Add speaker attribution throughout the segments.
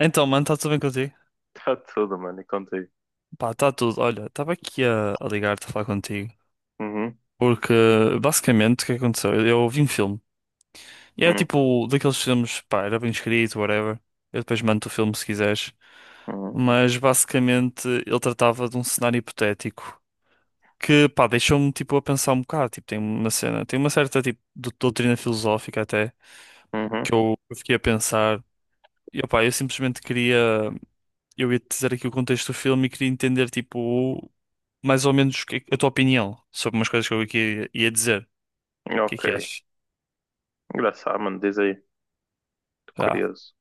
Speaker 1: Então, mano, está tudo bem contigo?
Speaker 2: Está tudo, mano, e contigo.
Speaker 1: Pá, está tudo. Olha, estava aqui a ligar-te a falar contigo.
Speaker 2: Uhum,
Speaker 1: Porque, basicamente, o que é que aconteceu? Eu vi um filme. E era
Speaker 2: uhum,
Speaker 1: tipo daqueles filmes, pá, era bem escrito, whatever. Eu depois mando o filme se quiseres.
Speaker 2: uhum,
Speaker 1: Mas, basicamente, ele tratava de um cenário hipotético que, pá, deixou-me, tipo, a pensar um bocado. Tipo, tem uma cena, tem uma certa, tipo, doutrina filosófica até,
Speaker 2: uhum.
Speaker 1: que eu fiquei a pensar. E, pá, eu simplesmente queria. Eu ia-te dizer aqui o contexto do filme e queria entender, tipo, mais ou menos a tua opinião sobre umas coisas que eu aqui ia dizer. O que é
Speaker 2: Ok.
Speaker 1: que achas?
Speaker 2: Engraçado, mano, diz aí. Tô
Speaker 1: Ah.
Speaker 2: curioso.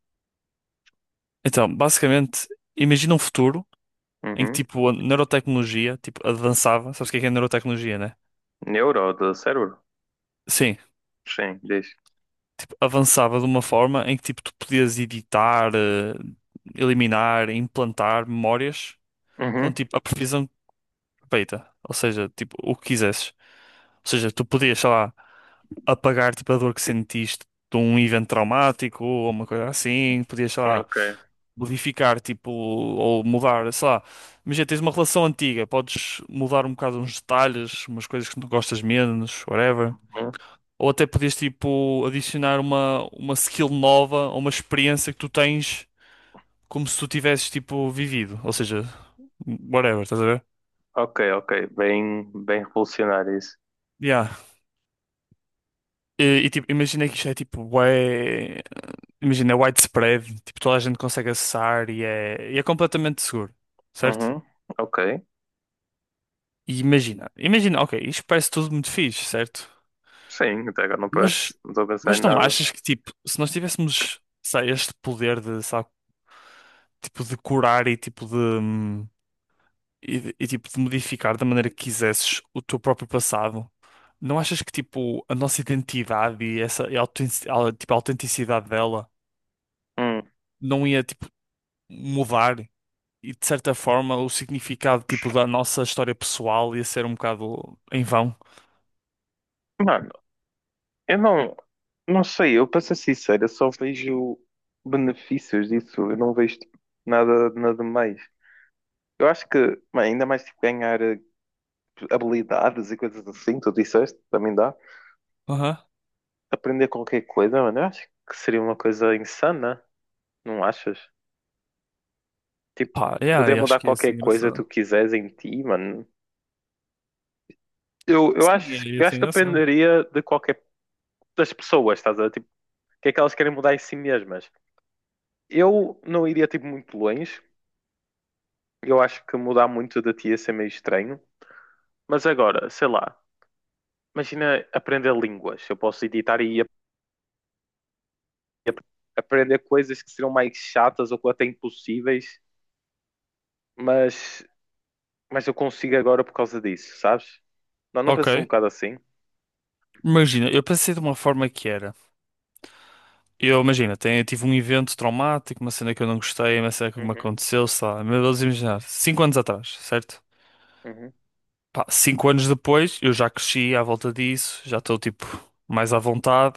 Speaker 1: Então, basicamente, imagina um futuro em que,
Speaker 2: Uhum.
Speaker 1: tipo, a neurotecnologia, tipo, avançava. Sabes o que é neurotecnologia, né?
Speaker 2: Neuro do cérebro?
Speaker 1: Sim.
Speaker 2: Sim, diz.
Speaker 1: Tipo, avançava de uma forma em que, tipo, tu podias editar, eliminar, implantar memórias com,
Speaker 2: Uhum,
Speaker 1: tipo, a previsão perfeita. Ou seja, tipo, o que quisesses. Ou seja, tu podias, sei lá, apagar tipo a dor que sentiste de um evento traumático ou uma coisa assim, podias, sei lá,
Speaker 2: ok.
Speaker 1: modificar tipo ou mudar, sei lá. Imagina, tens uma relação antiga, podes mudar um bocado uns detalhes, umas coisas que não gostas menos, whatever.
Speaker 2: Uhum.
Speaker 1: Ou até podias tipo adicionar uma skill nova ou uma experiência que tu tens como se tu tivesses tipo vivido, ou seja, whatever, estás a ver?
Speaker 2: Ok, ok. Bem, bem revolucionário isso.
Speaker 1: Yeah. E, tipo, imagina que isto é tipo, ué. Imagina, é widespread, tipo, toda a gente consegue acessar e é completamente seguro, certo?
Speaker 2: Uhum, ok.
Speaker 1: E imagina, ok, isto parece tudo muito fixe, certo?
Speaker 2: Sim, até agora não parece.
Speaker 1: Mas,
Speaker 2: Não estou a pensar
Speaker 1: mas
Speaker 2: em
Speaker 1: não
Speaker 2: nada.
Speaker 1: achas que, tipo, se nós tivéssemos, sei, este poder de, sabe, tipo, de curar e, tipo, de, e, tipo, de modificar da maneira que quisesses o teu próprio passado, não achas que, tipo, a nossa identidade e essa, e a tipo, a autenticidade dela
Speaker 2: Hum.
Speaker 1: não ia, tipo, mudar? E de certa forma o significado tipo da nossa história pessoal ia ser um bocado em vão.
Speaker 2: Mano, eu não, não sei, eu para ser sincero, eu só vejo benefícios disso, eu não vejo tipo, nada, nada mais. Eu acho que, mano, ainda mais tipo, ganhar, habilidades e coisas assim, tu disseste, também dá.
Speaker 1: Aham.
Speaker 2: Aprender qualquer coisa, mano, eu acho que seria uma coisa insana, não achas? Tipo,
Speaker 1: Pá, yeah,
Speaker 2: poder
Speaker 1: eu acho
Speaker 2: mudar
Speaker 1: que ia
Speaker 2: qualquer
Speaker 1: ser
Speaker 2: coisa que tu
Speaker 1: engraçado.
Speaker 2: quiseres em ti, mano.
Speaker 1: Sim, ia
Speaker 2: Eu
Speaker 1: ser
Speaker 2: acho que
Speaker 1: engraçado.
Speaker 2: dependeria de qualquer das pessoas, estás a ver? Tipo, o que é que elas querem mudar em si mesmas. Eu não iria, tipo, muito longe. Eu acho que mudar muito de ti ia ser meio estranho. Mas agora, sei lá, imagina aprender línguas. Eu posso editar e ap- aprender coisas que seriam mais chatas ou até impossíveis mas, mas eu consigo agora por causa disso, sabes? Não, não
Speaker 1: Ok.
Speaker 2: pensas um bocado assim?
Speaker 1: Imagina, eu pensei de uma forma que era. Eu imagina, tenho, eu tive um evento traumático, uma cena que eu não gostei, uma cena que me
Speaker 2: Uhum,
Speaker 1: aconteceu, sei lá, meu Deus, imaginar, 5 anos atrás, certo?
Speaker 2: uhum,
Speaker 1: Pá, 5 anos depois, eu já cresci à volta disso, já estou tipo mais à vontade,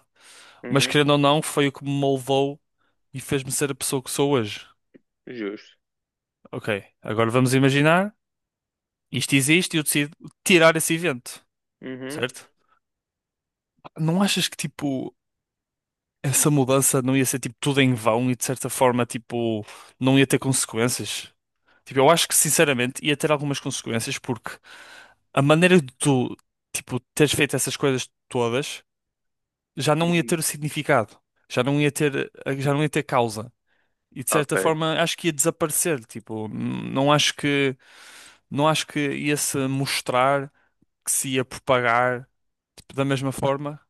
Speaker 1: mas
Speaker 2: uhum,
Speaker 1: querendo ou não, foi o que me moldou e fez-me ser a pessoa que sou hoje.
Speaker 2: justo.
Speaker 1: Ok, agora vamos imaginar, isto existe e eu decido tirar esse evento,
Speaker 2: Uhum,
Speaker 1: certo? Não achas que, tipo, essa mudança não ia ser, tipo, tudo em vão e, de certa forma, tipo, não ia ter consequências? Tipo, eu acho que, sinceramente, ia ter algumas consequências porque a maneira de tu, tipo, teres feito essas coisas todas já não ia
Speaker 2: uhum.
Speaker 1: ter o significado, já não ia ter, já não ia ter causa. E de
Speaker 2: Ok,
Speaker 1: certa forma acho que ia desaparecer, tipo, não acho que ia se mostrar que se ia propagar tipo, da mesma forma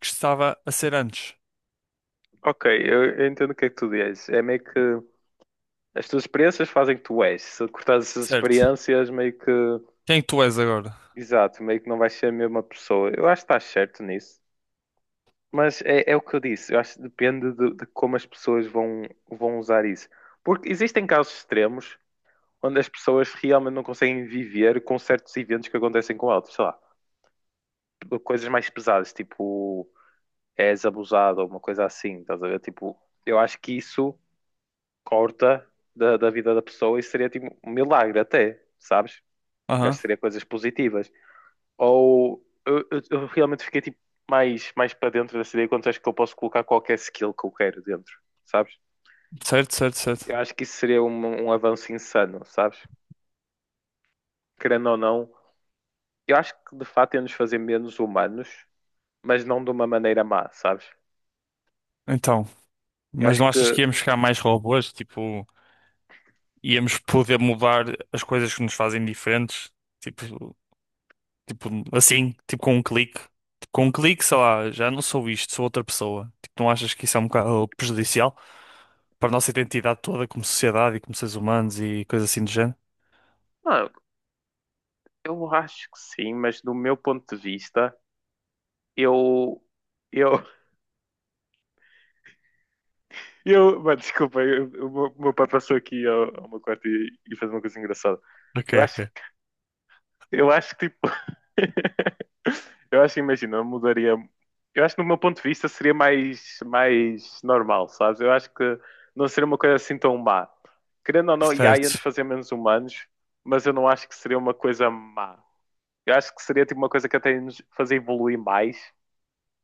Speaker 1: que estava a ser antes,
Speaker 2: ok, eu entendo o que é que tu dizes. É meio que as tuas experiências fazem que tu és. Se cortares essas
Speaker 1: certo?
Speaker 2: experiências, meio que,
Speaker 1: Quem tu és agora?
Speaker 2: exato, meio que não vais ser a mesma pessoa. Eu acho que estás certo nisso. Mas é o que eu disse, eu acho que depende de como as pessoas vão usar isso. Porque existem casos extremos onde as pessoas realmente não conseguem viver com certos eventos que acontecem com elas. Sei lá, coisas mais pesadas, tipo és abusado ou uma coisa assim, estás a ver? Tipo, eu acho que isso corta da vida da pessoa e seria tipo um milagre até, sabes? Eu acho
Speaker 1: Aham.
Speaker 2: que seria coisas positivas. Ou eu realmente fiquei tipo mais para dentro dessa ideia quando acho que eu posso colocar qualquer skill que eu quero dentro, sabes?
Speaker 1: Certo, certo,
Speaker 2: Eu
Speaker 1: certo.
Speaker 2: acho que isso seria um avanço insano, sabes? Querendo ou não, eu acho que de fato ia nos fazer menos humanos mas não de uma maneira má, sabes?
Speaker 1: Então,
Speaker 2: Eu
Speaker 1: mas
Speaker 2: acho
Speaker 1: não achas
Speaker 2: que,
Speaker 1: que íamos ficar mais robôs? Tipo, íamos poder mudar as coisas que nos fazem diferentes? Tipo, tipo assim, tipo com um clique. Tipo, com um clique, sei lá, já não sou isto, sou outra pessoa. Tipo, não achas que isso é um bocado prejudicial para a nossa identidade toda como sociedade e como seres humanos e coisas assim do género?
Speaker 2: não, eu acho que sim, mas do meu ponto de vista, eu, eu, eu, mano, desculpa, o meu pai passou aqui ao meu quarto e fez uma coisa engraçada.
Speaker 1: Ok,
Speaker 2: Eu acho,
Speaker 1: ok.
Speaker 2: que- eu acho que, tipo, eu acho, imagina, eu mudaria, eu acho que do meu ponto de vista seria mais normal, sabes? Eu acho que não seria uma coisa assim tão má. Querendo ou não, IA ia
Speaker 1: Certo,
Speaker 2: antes fazer menos humanos, mas eu não acho que seria uma coisa má. Eu acho que seria tipo uma coisa que até nos fazer evoluir mais.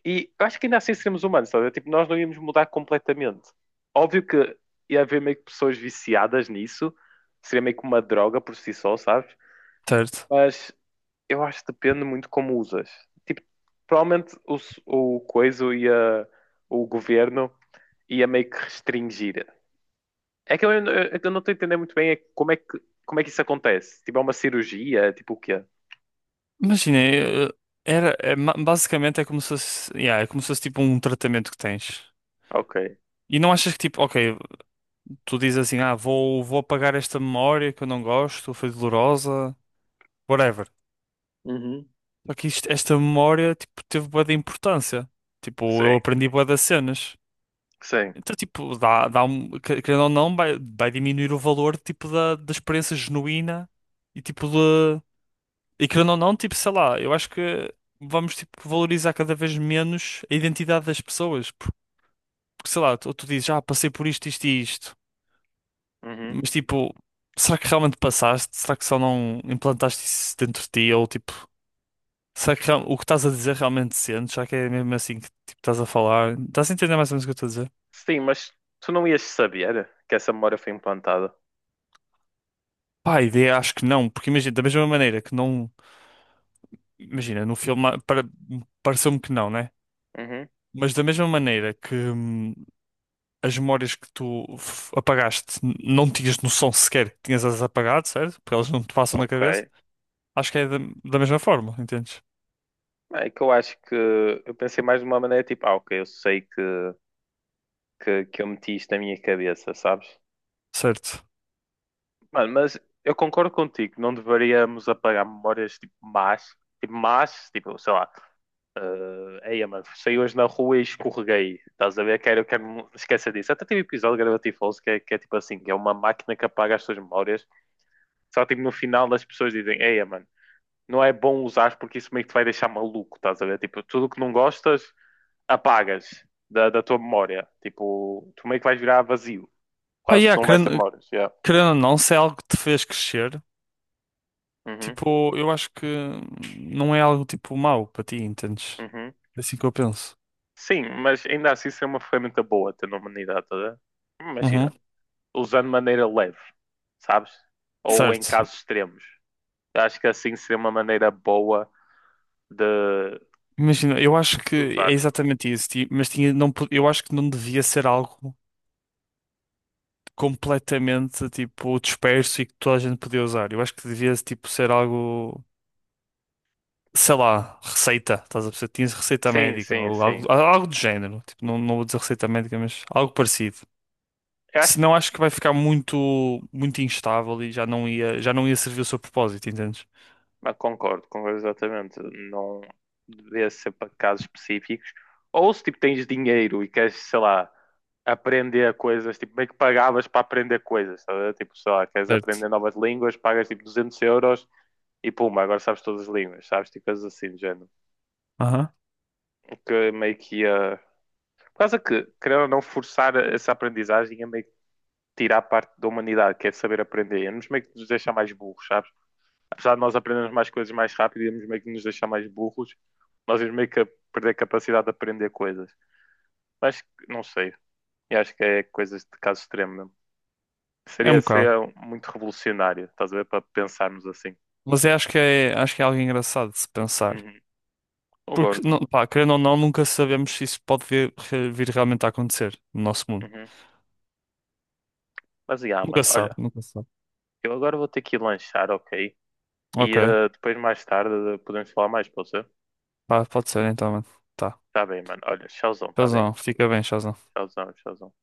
Speaker 2: E eu acho que ainda assim seríamos humanos, sabe? Tipo, nós não íamos mudar completamente. Óbvio que ia haver meio que pessoas viciadas nisso, seria meio que uma droga por si só, sabes?
Speaker 1: certo.
Speaker 2: Mas eu acho que depende muito como usas. Tipo, provavelmente o coisa e o governo ia meio que restringir. É que eu não estou a entender muito bem é como é que isso acontece? Tipo, é uma cirurgia? Tipo, o quê?
Speaker 1: Imagina, era, basicamente é como se fosse, yeah, é como se fosse tipo um tratamento que tens.
Speaker 2: Ok.
Speaker 1: E não achas que tipo, ok, tu dizes assim, ah, vou apagar esta memória que eu não gosto, foi dolorosa, whatever.
Speaker 2: Uhum.
Speaker 1: Só que isto- esta memória, tipo, teve bué de importância. Tipo, eu
Speaker 2: Sim,
Speaker 1: aprendi bué das cenas.
Speaker 2: sim.
Speaker 1: Então, tipo, dá um, querendo ou não, vai diminuir o valor, tipo, da experiência genuína e, tipo, e querendo ou não, tipo, sei lá, eu acho que vamos, tipo, valorizar cada vez menos a identidade das pessoas. Porque, sei lá, tu dizes, ah, passei por isto, isto e isto.
Speaker 2: Uhum.
Speaker 1: Mas, tipo, será que realmente passaste? Será que só não implantaste isso dentro de ti? Ou, tipo, será que o que estás a dizer realmente sentes? Será que é mesmo assim que, tipo, estás a falar? Estás a entender mais ou menos o que eu estou a dizer?
Speaker 2: Sim, mas tu não ias saber que essa memória foi implantada.
Speaker 1: Pá, a ideia acho que não. Porque, imagina, da mesma maneira que não... Imagina, no filme ah, pareceu-me que não, né?
Speaker 2: Uhum,
Speaker 1: Mas da mesma maneira que... as memórias que tu apagaste, não tinhas noção sequer que tinhas-as apagado, certo? Porque elas não te passam na
Speaker 2: ok.
Speaker 1: cabeça. Acho que é da mesma forma, entendes?
Speaker 2: É que eu acho que eu pensei mais de uma maneira tipo, ah, ok, eu sei que eu meti isto na minha cabeça, sabes?
Speaker 1: Certo.
Speaker 2: Mano, mas eu concordo contigo, não deveríamos apagar memórias tipo más, tipo más, tipo, sei lá, eh, ei, mano, saí hoje na rua e escorreguei, estás a ver? Quero esquecer disso. Até teve um episódio de Gravity Falls que que é tipo assim, que é uma máquina que apaga as suas memórias, só tipo no final as pessoas dizem, ei, mano. Não é bom usar porque isso meio que te vai deixar maluco, estás a ver? Tipo, tudo que não gostas, apagas da tua memória. Tipo, tu meio que vais virar vazio.
Speaker 1: Pá,
Speaker 2: Quase
Speaker 1: yeah,
Speaker 2: não vais ter
Speaker 1: querendo,
Speaker 2: memórias. Yeah.
Speaker 1: querendo ou não, se é algo que te fez crescer,
Speaker 2: Uhum,
Speaker 1: tipo, eu acho que não é algo tipo mau para ti, entendes?
Speaker 2: uhum.
Speaker 1: É assim que eu penso.
Speaker 2: Sim, mas ainda assim isso é uma ferramenta boa ter na humanidade, estás a ver?
Speaker 1: Uhum.
Speaker 2: Imagina, usando de maneira leve, sabes? Ou em
Speaker 1: Certo.
Speaker 2: casos extremos. Eu acho que assim seria uma maneira boa de
Speaker 1: Imagina, eu acho que é
Speaker 2: usar.
Speaker 1: exatamente isso, mas tinha, não, eu acho que não devia ser algo completamente tipo disperso e que toda a gente podia usar. Eu acho que devia tipo ser algo sei lá, receita, estás a perceber? Tinhas receita
Speaker 2: Sim,
Speaker 1: médica
Speaker 2: sim,
Speaker 1: ou
Speaker 2: sim.
Speaker 1: algo do género. Tipo, não, não vou dizer receita médica, mas algo parecido.
Speaker 2: Eu acho.
Speaker 1: Senão acho que vai ficar muito, muito instável e já não ia servir o seu propósito, entendes?
Speaker 2: Ah, concordo, concordo exatamente. Não devia ser para casos específicos. Ou se tipo tens dinheiro e queres, sei lá, aprender coisas, tipo, meio que pagavas para aprender coisas, estás a ver? Tipo, sei lá, queres
Speaker 1: Certo.
Speaker 2: aprender novas línguas, pagas tipo 200 euros e puma, agora sabes todas as línguas, sabes? Tipo, coisas assim do género.
Speaker 1: Aham.
Speaker 2: O que meio que ia. Por causa que, querendo ou não, forçar essa aprendizagem ia meio que tirar parte da humanidade, que é saber aprender, ia nos meio que nos deixar mais burros, sabes? Apesar de nós aprendermos mais coisas mais rápido e íamos meio que nos deixar mais burros, nós íamos meio que perder a capacidade de aprender coisas. Mas não sei, eu acho que é coisas de caso extremo mesmo.
Speaker 1: É um bocado.
Speaker 2: Seria muito revolucionário, estás a ver? Para pensarmos assim.
Speaker 1: Mas eu acho que é algo engraçado de se pensar.
Speaker 2: Uhum.
Speaker 1: Porque,
Speaker 2: Concordo.
Speaker 1: não, pá, querendo ou não, nunca sabemos se isso pode vir, vir realmente a acontecer no nosso mundo.
Speaker 2: Uhum. Mas, yeah,
Speaker 1: Nunca
Speaker 2: mano,
Speaker 1: se sabe,
Speaker 2: olha,
Speaker 1: nunca se sabe.
Speaker 2: eu agora vou ter que ir lanchar, ok? E
Speaker 1: Ok,
Speaker 2: eh, depois, mais tarde, podemos falar mais, pode ser?
Speaker 1: pá, pode ser então, mano. Tá.
Speaker 2: Tá bem, mano. Olha, tchauzão, tá bem?
Speaker 1: Shazam, fica bem, Shazam.
Speaker 2: Tchauzão, tchauzão.